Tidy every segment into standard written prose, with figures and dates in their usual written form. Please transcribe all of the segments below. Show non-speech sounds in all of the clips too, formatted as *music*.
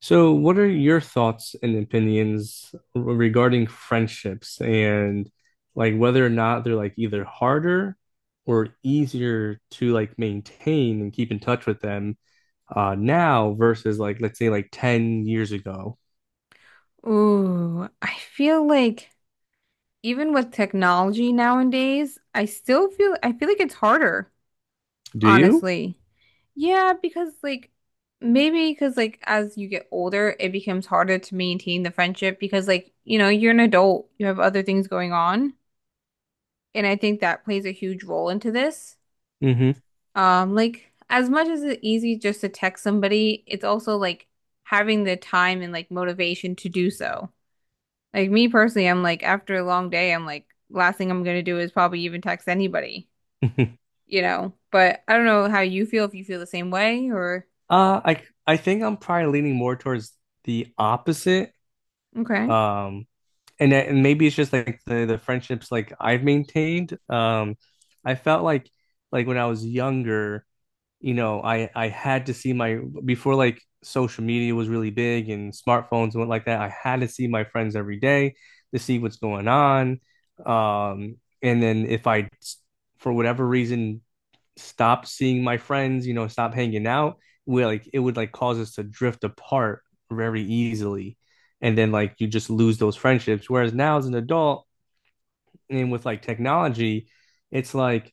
So, what are your thoughts and opinions regarding friendships and like whether or not they're like either harder or easier to like maintain and keep in touch with them now versus like let's say like 10 years ago? Ooh, I feel like even with technology nowadays, I feel like it's harder, Do you? honestly. Yeah, because like maybe because like as you get older, it becomes harder to maintain the friendship because like, you know, you're an adult, you have other things going on, and I think that plays a huge role into this. Hmm Like as much as it's easy just to text somebody, it's also like having the time and like motivation to do so. Like me personally, I'm like after a long day, I'm like last thing I'm gonna do is probably even text anybody, *laughs* you know. But I don't know how you feel if you feel the same way or I think I'm probably leaning more towards the opposite. okay. Um, and maybe it's just like the friendships like I've maintained. I felt like when I was younger. You know, I had to see my before like social media was really big and smartphones went like that. I had to see my friends every day to see what's going on. And then if I, for whatever reason, stopped seeing my friends, you know, stop hanging out, we like it would like cause us to drift apart very easily, and then like you just lose those friendships. Whereas now as an adult and with like technology, it's like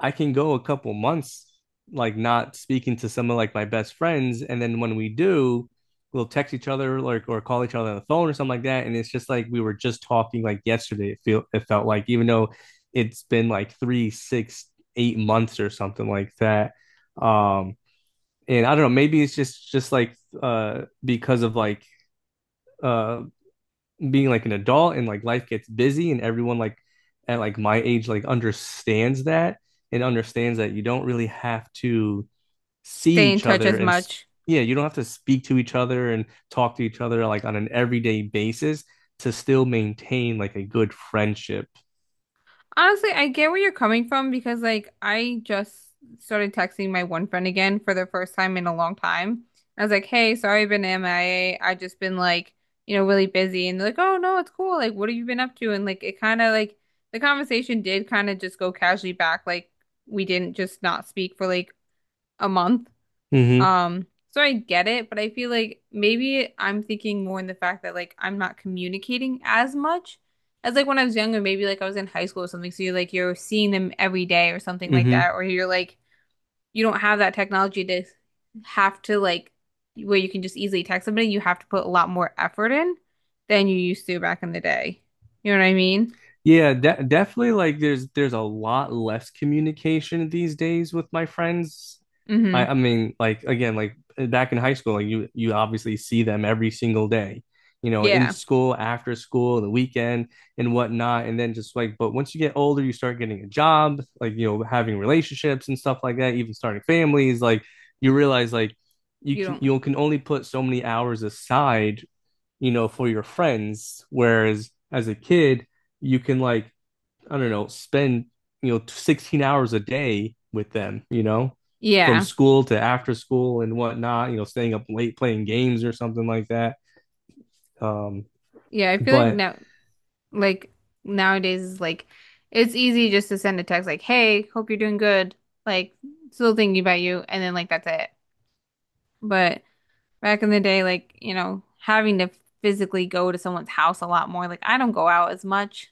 I can go a couple months like not speaking to some of like my best friends, and then when we do, we'll text each other like or call each other on the phone or something like that, and it's just like we were just talking like yesterday. It felt like even though it's been like 3, 6, 8 months or something like that. Um, and I don't know, maybe it's just like because of like uh being like an adult and like life gets busy and everyone like at like my age like understands that and understands that you don't really have to see Stay in each touch other as and much. yeah, you don't have to speak to each other and talk to each other like on an everyday basis to still maintain like a good friendship. Honestly, I get where you're coming from because like I just started texting my one friend again for the first time in a long time. I was like, "Hey, sorry I've been MIA. I A. I just been like, you know, really busy." And they're like, "Oh no, it's cool. Like, what have you been up to?" And like it kind of like the conversation did kind of just go casually back like we didn't just not speak for like a month. Hmm So I get it, but I feel like maybe I'm thinking more in the fact that like I'm not communicating as much as like when I was younger, maybe like I was in high school or something. So you're like you're seeing them every day or something like hmm that, or you're like you don't have that technology to have to like where you can just easily text somebody, you have to put a lot more effort in than you used to back in the day. You know what I mean? Yeah, de definitely like there's a lot less communication these days with my friends. Mm-hmm. I mean, like again, like back in high school, like you obviously see them every single day, you know, in Yeah. school, after school, the weekend and whatnot. And then just like, but once you get older, you start getting a job, like you know, having relationships and stuff like that, even starting families, like you realize like you You can don't. you can only put so many hours aside you know, for your friends. Whereas as a kid, you can like, I don't know, spend, you know, 16 hours a day with them, you know, from Yeah. school to after school and whatnot, you know, staying up late playing games or something like that. Um, Yeah, I feel like but now. Like nowadays is like it's easy just to send a text like, "Hey, hope you're doing good." Like still thinking about you and then like that's it. But back in the day like, you know, having to physically go to someone's house a lot more. Like I don't go out as much,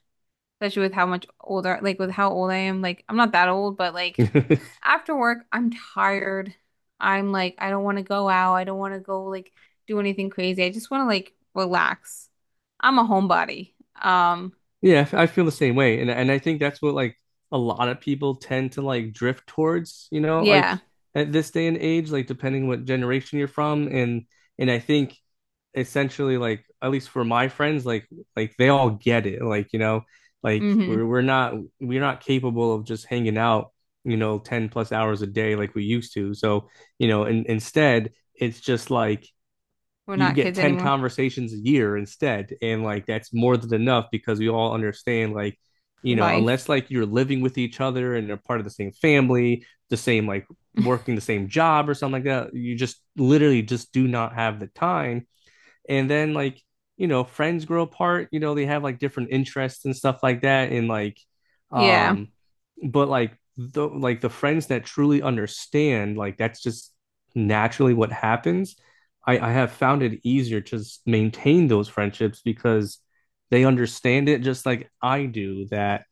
especially with how much older like with how old I am. Like I'm not that old, but *laughs* like yeah, after work, I'm tired. I'm like I don't want to go out. I don't want to go like do anything crazy. I just want to like relax. I'm a homebody. Um, I feel the same way. And I think that's what like a lot of people tend to like drift towards, you know, like yeah. at this day and age, like depending what generation you're from. And I think essentially like at least for my friends like they all get it like you know like Hmm. we're not capable of just hanging out you know 10 plus hours a day like we used to so you know and instead it's just like We're you not get kids 10 anymore. conversations a year instead and like that's more than enough because we all understand like you know Life. unless like you're living with each other and they are part of the same family the same like working the same job or something like that you just literally just do not have the time and then like, you know, friends grow apart, you know, they have like different interests and stuff like that. And like, Yeah. um, but like the friends that truly understand, like that's just naturally what happens. I have found it easier to maintain those friendships because they understand it just like I do that,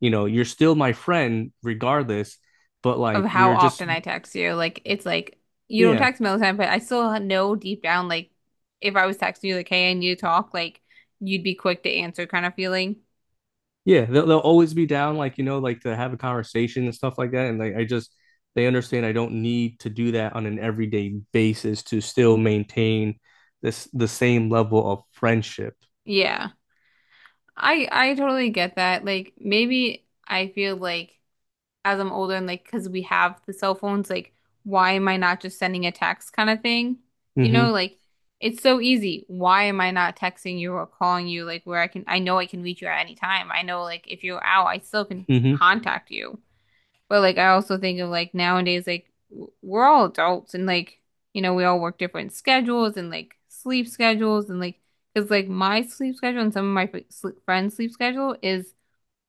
you know, you're still my friend regardless, but Of like how we're just often I text you. Like, it's like you don't yeah. text me all the time, but I still know deep down, like, if I was texting you, like, hey, I need to talk, like, you'd be quick to answer kind of feeling. Yeah, they'll always be down, like you know, like to have a conversation and stuff like that. And like I just they understand I don't need to do that on an everyday basis to still maintain this the same level of friendship. Yeah. I totally get that. Like, maybe I feel like as I'm older and like because we have the cell phones, like why am I not just sending a text kind of thing? You Hmm know, like it's so easy. Why am I not texting you or calling you like where I can I know I can reach you at any time. I know like if you're out, I still can hmm contact you. But like I also think of like nowadays like we're all adults and like you know we all work different schedules and like sleep schedules and like because like my sleep schedule and some of my friends' sleep schedule is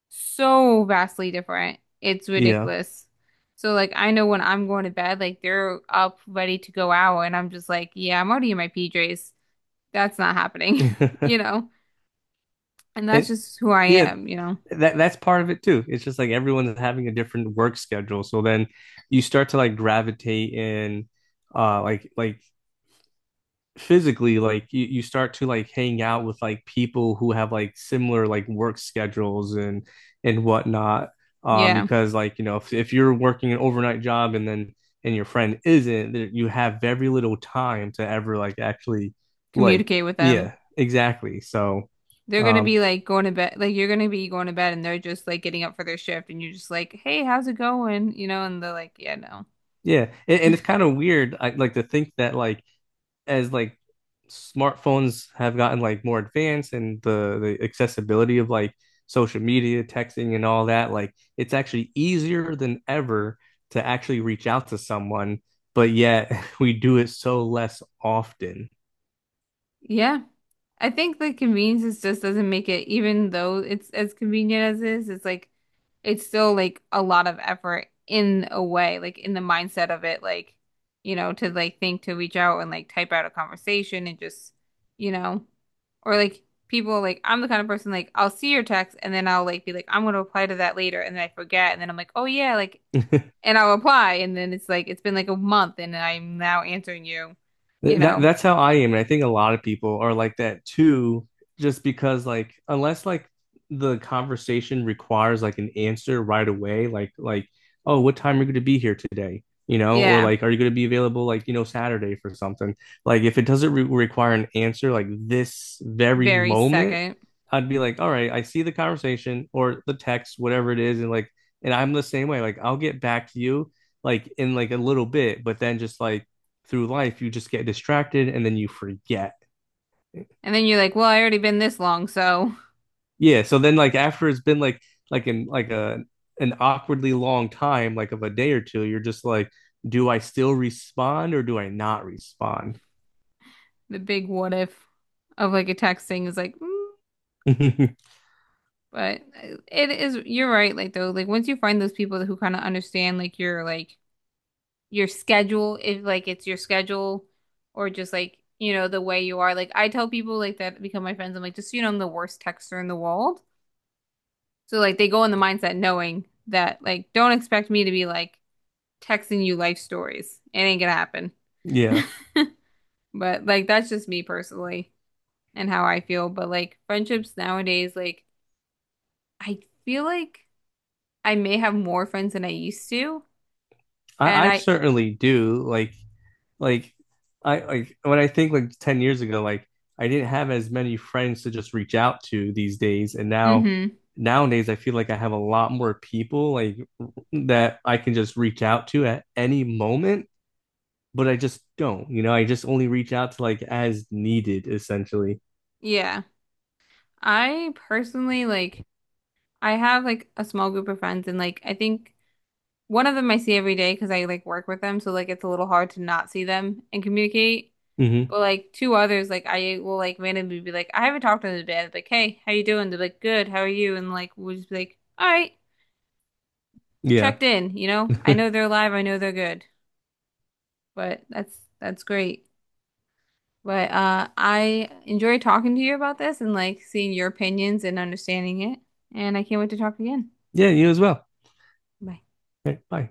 so vastly different. It's Yeah. ridiculous. So like I know when I'm going to bed, like they're up ready to go out and I'm just like, yeah, I'm already in my PJs. That's not happening, *laughs* you *laughs* know? And that's It, just who I yeah, am, you know? that's part of it too. It's just like everyone's having a different work schedule. So then you start to like gravitate in like physically like you start to like hang out with like people who have like similar like work schedules and whatnot Yeah. because like you know if you're working an overnight job and then and your friend isn't there- you have very little time to ever like actually like Communicate with them. yeah exactly so They're gonna um be like going to bed, like you're gonna be going to bed and they're just like getting up for their shift and you're just like, hey, how's it going? You know, and they're like, yeah, no. yeah and, *laughs* and it's kind of weird I, like to think that like as like smartphones have gotten like more advanced and the accessibility of like social media, texting and all that, like it's actually easier than ever to actually reach out to someone, but yet *laughs* we do it so less often. Yeah. I think the convenience just doesn't make it, even though it's as convenient as it is, it's like it's still like a lot of effort in a way, like in the mindset of it, like, you know, to like think to reach out and like type out a conversation and just, you know, or like people like I'm the kind of person like I'll see your text and then I'll like be like, I'm gonna reply to that later and then I forget and then I'm like, oh yeah, like *laughs* and I'll reply and then it's like it's been like a month and I'm now answering you, Th- you That know. that's how I am, and I think a lot of people are like that too, just because like unless like the conversation requires like an answer right away, like oh, what time are you going to be here today? You know, or Yeah. like are you going to be available like you know Saturday for something? Like if it doesn't re require an answer like this very Very moment, second. I'd be like, all right, I see the conversation or the text, whatever it is, and like and I'm the same way. Like I'll get back to you like in like a little bit, but then just like through life you just get distracted and then you forget And then you're like, well, I already been this long, so yeah so then like after it's been like in like a an awkwardly long time like of a day or two you're just like do I still respond or do I not respond. *laughs* the big what if of like a text thing is like, mm, *laughs* but it is, you're right, like though, like once you find those people who kind of understand like your schedule, if like it's your schedule or just like, you know, the way you are. Like I tell people like that become my friends, I'm like, just so you know, I'm the worst texter in the world. So like they go in the mindset knowing that like don't expect me to be like texting you life stories. It ain't gonna happen. *laughs* Yeah, But like that's just me personally and how I feel. But like friendships nowadays, like I feel like I may have more friends than I used to. And I I, certainly do like I like when I think like 10 years ago, like I didn't have as many friends to just reach out to these days. And now hmm, nowadays I feel like I have a lot more people like that I can just reach out to at any moment, but I just don't, you know, I just only reach out to like as needed essentially. yeah. I personally like I have like a small group of friends and like I think one of them I see every day because I like work with them, so like it's a little hard to not see them and communicate. Hmm But like two others, like I will like randomly be like, I haven't talked to them today. I'll be like, hey, how you doing? They're like, good, how are you? And like we'll just be like, all right. Yeah. Checked in, you know? I know *laughs* they're alive, I know they're good, but that's great. But I enjoy talking to you about this and like seeing your opinions and understanding it. And I can't wait to talk again. Yeah, you as well. Bye. Okay, bye.